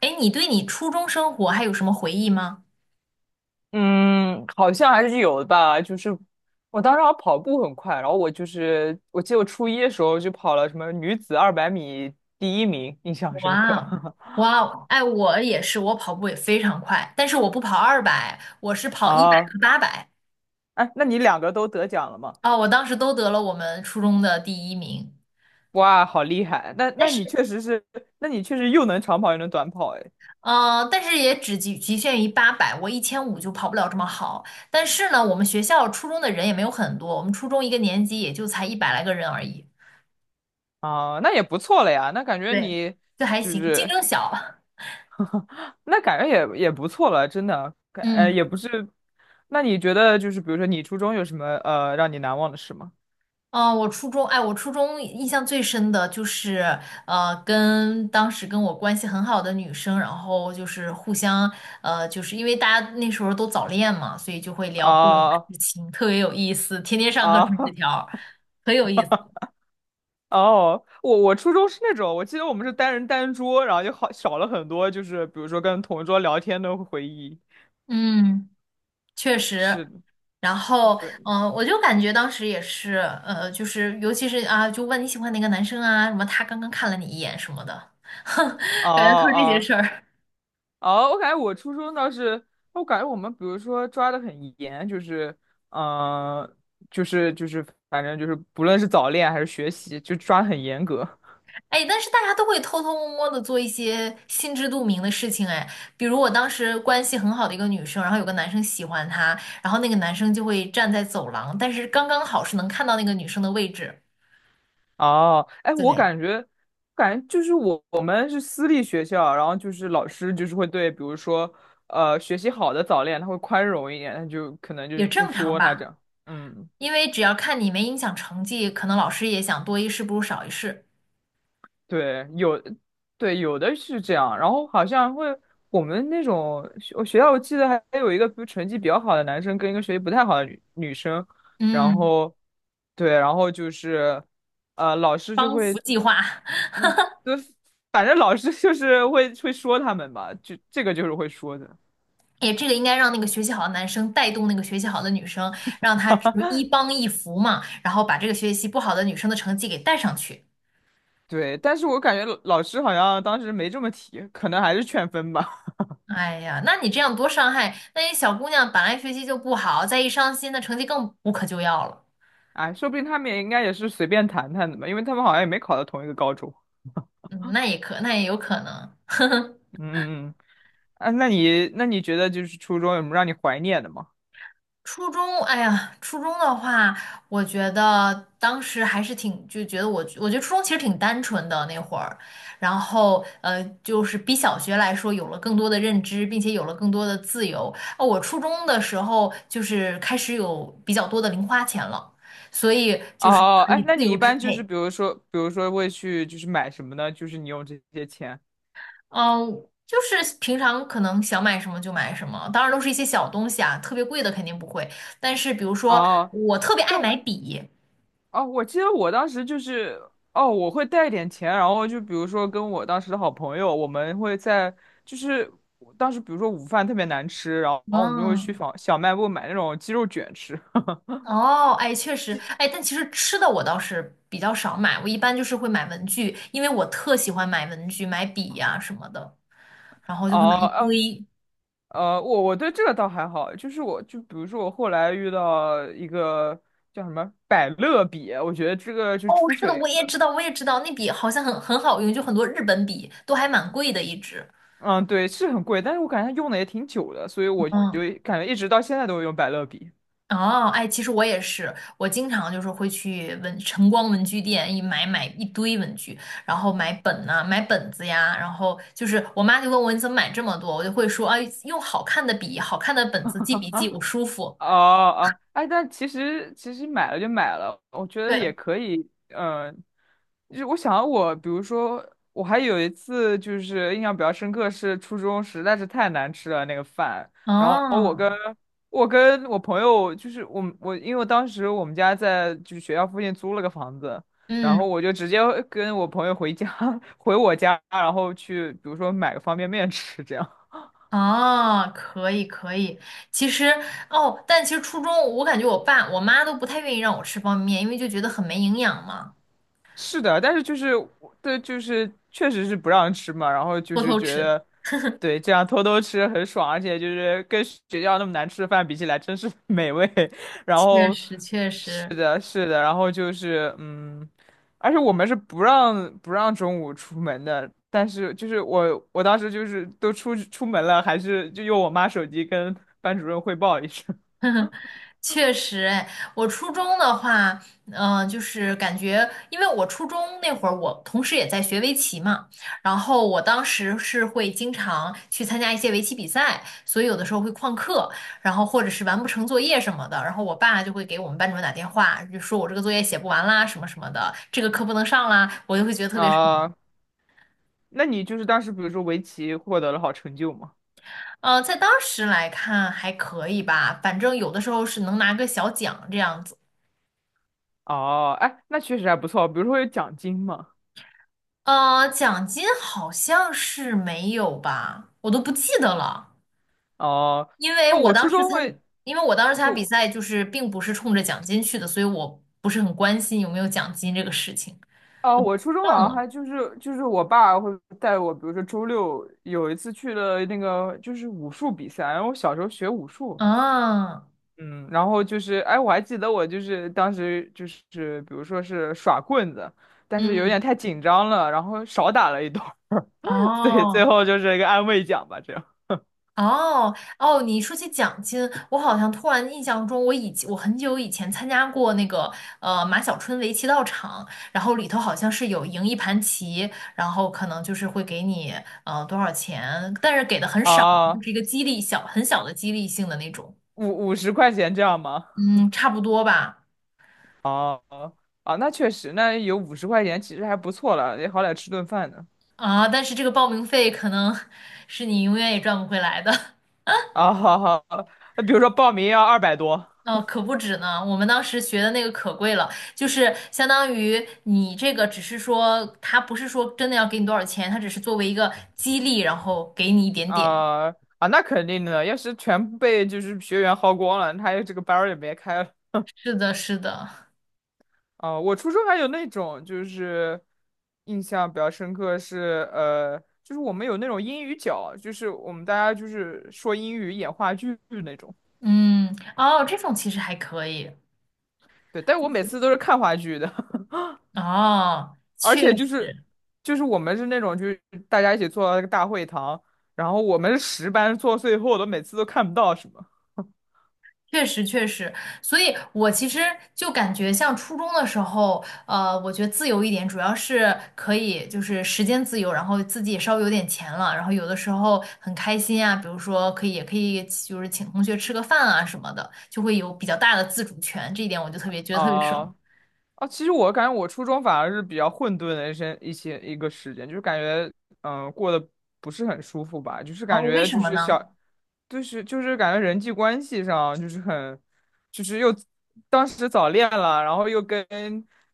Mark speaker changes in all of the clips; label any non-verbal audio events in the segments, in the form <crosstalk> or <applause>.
Speaker 1: 哎，你对你初中生活还有什么回忆吗？
Speaker 2: 嗯，好像还是有的吧。就是我当时好像跑步很快，然后我就是我记得我初一的时候就跑了什么女子200米第一名，印象深
Speaker 1: 哇
Speaker 2: 刻。
Speaker 1: 哦，
Speaker 2: <laughs>
Speaker 1: 哇哦，哎，我也是，我跑步也非常快，但是我不跑200，我是跑一百
Speaker 2: 啊，
Speaker 1: 和八百。
Speaker 2: 哎，那你两个都得奖了吗？
Speaker 1: 啊，我当时都得了我们初中的第一名，
Speaker 2: 哇，好厉害！那
Speaker 1: 但
Speaker 2: 那你
Speaker 1: 是，
Speaker 2: 确实是，那你确实又能长跑又能短跑，哎，
Speaker 1: 但是也只局限于八百，我1500就跑不了这么好。但是呢，我们学校初中的人也没有很多，我们初中一个年级也就才一百来个人而已，
Speaker 2: 啊，那也不错了呀。那感觉
Speaker 1: 对，
Speaker 2: 你
Speaker 1: 就还
Speaker 2: 就
Speaker 1: 行，竞
Speaker 2: 是，
Speaker 1: 争小。<laughs>
Speaker 2: 那感觉也不错了，真的。
Speaker 1: 嗯。
Speaker 2: 也不是。那你觉得就是，比如说你初中有什么让你难忘的事吗？
Speaker 1: 嗯，我初中，哎，我初中印象最深的就是，跟当时跟我关系很好的女生，然后就是互相，就是因为大家那时候都早恋嘛，所以就会聊各种
Speaker 2: 啊、
Speaker 1: 事情，特别有意思，天天上课
Speaker 2: 啊
Speaker 1: 传纸条，很有意思。
Speaker 2: 哦，我初中是那种，我记得我们是单人单桌，然后就好少了很多，就是比如说跟同桌聊天的回忆。
Speaker 1: 嗯，确
Speaker 2: 是
Speaker 1: 实。
Speaker 2: 的，
Speaker 1: 然后，
Speaker 2: 对，
Speaker 1: 我就感觉当时也是，就是尤其是啊，就问你喜欢哪个男生啊，什么他刚刚看了你一眼什么的，<laughs>
Speaker 2: 哦
Speaker 1: 感觉都是这些
Speaker 2: 哦
Speaker 1: 事儿。
Speaker 2: 哦，我感觉我初中倒是，我感觉我们比如说抓的很严，就是嗯、呃就是就是反正就是不论是早恋还是学习，就抓得很严格。
Speaker 1: 哎，但是大家都会偷偷摸摸的做一些心知肚明的事情，哎，比如我当时关系很好的一个女生，然后有个男生喜欢她，然后那个男生就会站在走廊，但是刚刚好是能看到那个女生的位置，
Speaker 2: 哦，哎，我
Speaker 1: 对，
Speaker 2: 感觉，感觉就是我们是私立学校，然后就是老师就是会对，比如说，学习好的早恋，他会宽容一点，他就可能就
Speaker 1: 也
Speaker 2: 不
Speaker 1: 正常
Speaker 2: 说他这
Speaker 1: 吧，
Speaker 2: 样。嗯
Speaker 1: 因为只要看你没影响成绩，可能老师也想多一事不如少一事，
Speaker 2: 对，有，对，有的是这样，然后好像会我们那种我学校，我记得还有一个比如成绩比较好的男生跟一个学习不太好的女生，然
Speaker 1: 嗯，
Speaker 2: 后对，然后就是老师就
Speaker 1: 帮扶
Speaker 2: 会
Speaker 1: 计划。<laughs>
Speaker 2: 嗯，对，反正老师就是会说他们吧，就这个就是会说的，
Speaker 1: 也这个应该让那个学习好的男生带动那个学习好的女生，让她就是一
Speaker 2: <laughs>
Speaker 1: 帮一扶嘛，然后把这个学习不好的女生的成绩给带上去。
Speaker 2: 对，但是我感觉老师好像当时没这么提，可能还是劝分吧，
Speaker 1: 哎呀，那你这样多伤害，那些小姑娘本来学习就不好，再一伤心，那成绩更无可救药了。
Speaker 2: <laughs> 哎，说不定他们也应该也是随便谈谈的吧，因为他们好像也没考到同一个高中，
Speaker 1: 嗯，那也有可能。<laughs>
Speaker 2: <laughs> 嗯嗯嗯。啊，那你觉得就是初中有什么让你怀念的吗？
Speaker 1: 哎呀，初中的话，我觉得当时还是挺，就觉得我，我觉得初中其实挺单纯的那会儿，然后就是比小学来说有了更多的认知，并且有了更多的自由。哦，我初中的时候就是开始有比较多的零花钱了，所以就是
Speaker 2: 哦，
Speaker 1: 可以
Speaker 2: 哎，那
Speaker 1: 自
Speaker 2: 你
Speaker 1: 由
Speaker 2: 一
Speaker 1: 支
Speaker 2: 般就是
Speaker 1: 配。
Speaker 2: 比如说会去就是买什么呢？就是你用这些钱。
Speaker 1: 嗯，就是平常可能想买什么就买什么，当然都是一些小东西啊，特别贵的肯定不会。但是比如说，
Speaker 2: 哦，
Speaker 1: 我特别爱
Speaker 2: 但
Speaker 1: 买笔，
Speaker 2: 哦，我记得我当时就是哦，我会带一点钱，然后就比如说跟我当时的好朋友，我们会在就是我当时比如说午饭特别难吃，然后我们就会去
Speaker 1: 嗯，
Speaker 2: 小卖部买那种鸡肉卷吃。<laughs>
Speaker 1: 哦，哎，确实。哎，但其实吃的我倒是比较少买，我一般就是会买文具，因为我特喜欢买文具、买笔呀、什么的，然后就
Speaker 2: 哦，
Speaker 1: 会买一
Speaker 2: 哦
Speaker 1: 堆。
Speaker 2: 我对这个倒还好，就是我就比如说我后来遇到一个叫什么百乐笔，我觉得这个就
Speaker 1: 哦，
Speaker 2: 出
Speaker 1: 是的，
Speaker 2: 水，
Speaker 1: 我也知道，我也知道，那笔好像很好用，就很多日本笔都还蛮贵的一支。
Speaker 2: 嗯，对，是很贵，但是我感觉它用的也挺久的，所以我
Speaker 1: 嗯。
Speaker 2: 就感觉一直到现在都用百乐笔。
Speaker 1: 哦，哎，其实我也是，我经常就是会去文晨光文具店一买买一堆文具，然后买本呐、买本子呀，然后就是我妈就问我你怎么买这么多，我就会说啊，用好看的笔、好看的本子记笔记，我舒服。
Speaker 2: 哦哦，哎，但其实买了就买了，我觉得也
Speaker 1: 对，
Speaker 2: 可以，就是我想我，比如说我还有一次就是印象比较深刻，是初中实在是太难吃了那个饭，然后
Speaker 1: 哦，
Speaker 2: 我朋友就是我们我因为我当时我们家在就是学校附近租了个房子，然后
Speaker 1: 嗯，
Speaker 2: 我就直接跟我朋友回家 <laughs> 回我家，然后去比如说买个方便面吃这样。
Speaker 1: 哦，可以可以。其实哦，但其实初中我感觉我爸我妈都不太愿意让我吃方便面，因为就觉得很没营养嘛，
Speaker 2: 是的，但是就是对，就是确实是不让吃嘛，然后就
Speaker 1: 偷
Speaker 2: 是
Speaker 1: 偷
Speaker 2: 觉
Speaker 1: 吃。
Speaker 2: 得，对，这样偷偷吃很爽，而且就是跟学校那么难吃的饭比起来，真是 <laughs> 美味。<laughs> 然
Speaker 1: 确
Speaker 2: 后，
Speaker 1: 实确
Speaker 2: 是
Speaker 1: 实。
Speaker 2: 的，是的，然后就是而且我们是不让中午出门的，但是就是我当时就是都出去出门了，还是就用我妈手机跟班主任汇报一声
Speaker 1: <laughs> 确实。哎，我初中的话，就是感觉，因为我初中那会儿，我同时也在学围棋嘛，然后我当时是会经常去参加一些围棋比赛，所以有的时候会旷课，然后或者是完不成作业什么的，然后我爸就会给我们班主任打电话，就说我这个作业写不完啦，什么什么的，这个课不能上啦，我就会觉得特
Speaker 2: <laughs>
Speaker 1: 别爽。
Speaker 2: 啊。那你就是当时比如说围棋获得了好成就吗？
Speaker 1: 在当时来看还可以吧，反正有的时候是能拿个小奖这样子。
Speaker 2: 哦，哎，那确实还不错，比如说有奖金嘛。
Speaker 1: 奖金好像是没有吧，我都不记得了，
Speaker 2: 哦，
Speaker 1: 因为
Speaker 2: 哦，
Speaker 1: 我当时参，因为我当时参加比
Speaker 2: 我
Speaker 1: 赛就是并不是冲着奖金去的，所以我不是很关心有没有奖金这个事情，
Speaker 2: 哦，我初中好
Speaker 1: 忘
Speaker 2: 像
Speaker 1: 了
Speaker 2: 还就是我爸会带我，比如说周六有一次去了那个就是武术比赛，然后我小时候学武术，
Speaker 1: 啊，
Speaker 2: 嗯，然后就是哎，我还记得我就是当时就是比如说是耍棍子，但是有点
Speaker 1: 嗯，
Speaker 2: 太紧张了，然后少打了一段儿，<laughs> 所以最
Speaker 1: 哦。
Speaker 2: 后就是一个安慰奖吧，这样
Speaker 1: 哦哦，你说起奖金，我好像突然印象中，我很久以前参加过那个马小春围棋道场，然后里头好像是有赢一盘棋，然后可能就是会给你多少钱，但是给的很少，就
Speaker 2: 啊，
Speaker 1: 是一个激励小很小的激励性的那种，
Speaker 2: 五十块钱这样吗？
Speaker 1: 嗯，差不多吧，
Speaker 2: 哦啊，哦那确实，那有五十块钱其实还不错了，也好歹吃顿饭呢。
Speaker 1: 啊，但是这个报名费可能 <laughs> 是你永远也赚不回来的。<laughs>
Speaker 2: 啊，好好，那比如说报名要200多
Speaker 1: 哦，可不止呢。我们当时学的那个可贵了，就是相当于你这个只是说，他不是说真的要给你多少钱，他只是作为一个激励，然后给你一点点。
Speaker 2: 啊啊，那肯定的，要是全部被就是学员薅光了，他这个班儿也别开了。
Speaker 1: 是的，是的，
Speaker 2: 啊，我初中还有那种就是印象比较深刻是就是我们有那种英语角，就是我们大家就是说英语演话剧那种。
Speaker 1: 嗯，哦，这种其实还可以，
Speaker 2: 对，但我每次都是看话剧的。
Speaker 1: 哦，
Speaker 2: 而
Speaker 1: 确
Speaker 2: 且就
Speaker 1: 实，
Speaker 2: 是就是我们是那种就是大家一起坐到那个大会堂，然后我们是10班坐最后的，每次都看不到什么
Speaker 1: 确实确实，所以我其实就感觉像初中的时候，我觉得自由一点，主要是可以就是时间自由，然后自己也稍微有点钱了，然后有的时候很开心啊，比如说可以就是请同学吃个饭啊什么的，就会有比较大的自主权，这一点我就特别觉得特别
Speaker 2: 啊、
Speaker 1: 爽。
Speaker 2: 啊，其实我感觉我初中反而是比较混沌的一个时间，就是感觉过得不是很舒服吧，就是感
Speaker 1: 哦，为
Speaker 2: 觉
Speaker 1: 什
Speaker 2: 就
Speaker 1: 么
Speaker 2: 是
Speaker 1: 呢？
Speaker 2: 小，就是感觉人际关系上就是很，就是又当时早恋了，然后又跟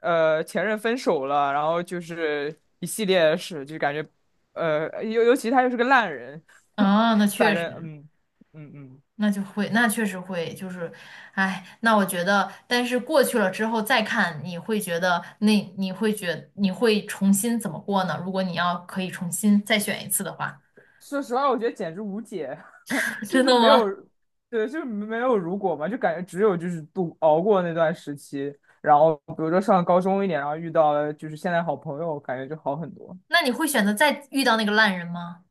Speaker 2: 前任分手了，然后就是一系列的事，就感觉尤其他又是个烂人，<laughs>
Speaker 1: 啊，那
Speaker 2: 反
Speaker 1: 确
Speaker 2: 正
Speaker 1: 实。
Speaker 2: 嗯嗯嗯。
Speaker 1: 那确实会，就是，哎，那我觉得，但是过去了之后再看，你会觉得那你会觉你会重新怎么过呢？如果你要可以重新再选一次的话，
Speaker 2: 说实话，我觉得简直无解，<laughs>
Speaker 1: <laughs>
Speaker 2: 就
Speaker 1: 真
Speaker 2: 是
Speaker 1: 的
Speaker 2: 没有，
Speaker 1: 吗？
Speaker 2: 对，就是没有如果嘛，就感觉只有就是熬过那段时期，然后比如说上高中一点，然后遇到了就是现在好朋友，感觉就好很多。
Speaker 1: 那你会选择再遇到那个烂人吗？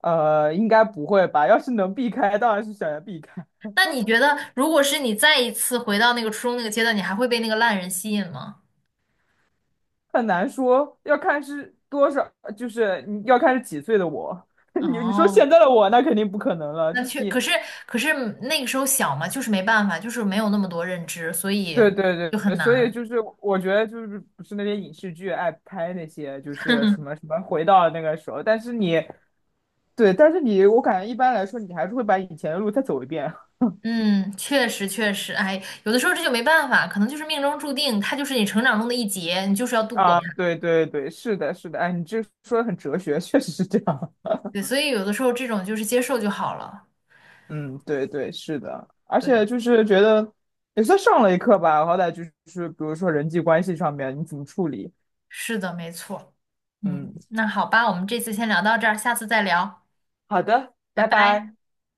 Speaker 2: 应该不会吧？要是能避开，当然是想要避开，
Speaker 1: 那你觉得，如果是你再一次回到那个初中那个阶段，你还会被那个烂人吸引吗？
Speaker 2: 很难说，要看是多少，就是你要看是几岁的我。<laughs> 你说
Speaker 1: 哦，
Speaker 2: 现在的我，那肯定不可能了，
Speaker 1: 那
Speaker 2: 就是
Speaker 1: 确，可
Speaker 2: 你
Speaker 1: 是可是那个时候小嘛，就是没办法，就是没有那么多认知，所以
Speaker 2: 对对对，
Speaker 1: 就很
Speaker 2: 对所以
Speaker 1: 难。
Speaker 2: 就是我觉得就是不是那些影视剧爱拍那些就是什么什么回到那个时候，但是你对，但是你我感觉一般来说你还是会把以前的路再走一遍
Speaker 1: 嗯，确实确实，哎，有的时候这就没办法，可能就是命中注定，它就是你成长中的一劫，你就是要度过它。
Speaker 2: 啊，对对对，是的是的，哎，你这说的很哲学，<laughs> 确实是这样，
Speaker 1: 对，所以有的时候这种就是接受就好了。
Speaker 2: <laughs> 嗯，对对是的，而且
Speaker 1: 对，
Speaker 2: 就是觉得也算上了一课吧，好歹就是比如说人际关系上面你怎么处理，
Speaker 1: 是的，没错。嗯，
Speaker 2: 嗯，
Speaker 1: 那好吧，我们这次先聊到这儿，下次再聊，
Speaker 2: 好的，
Speaker 1: 拜
Speaker 2: 拜
Speaker 1: 拜。
Speaker 2: 拜。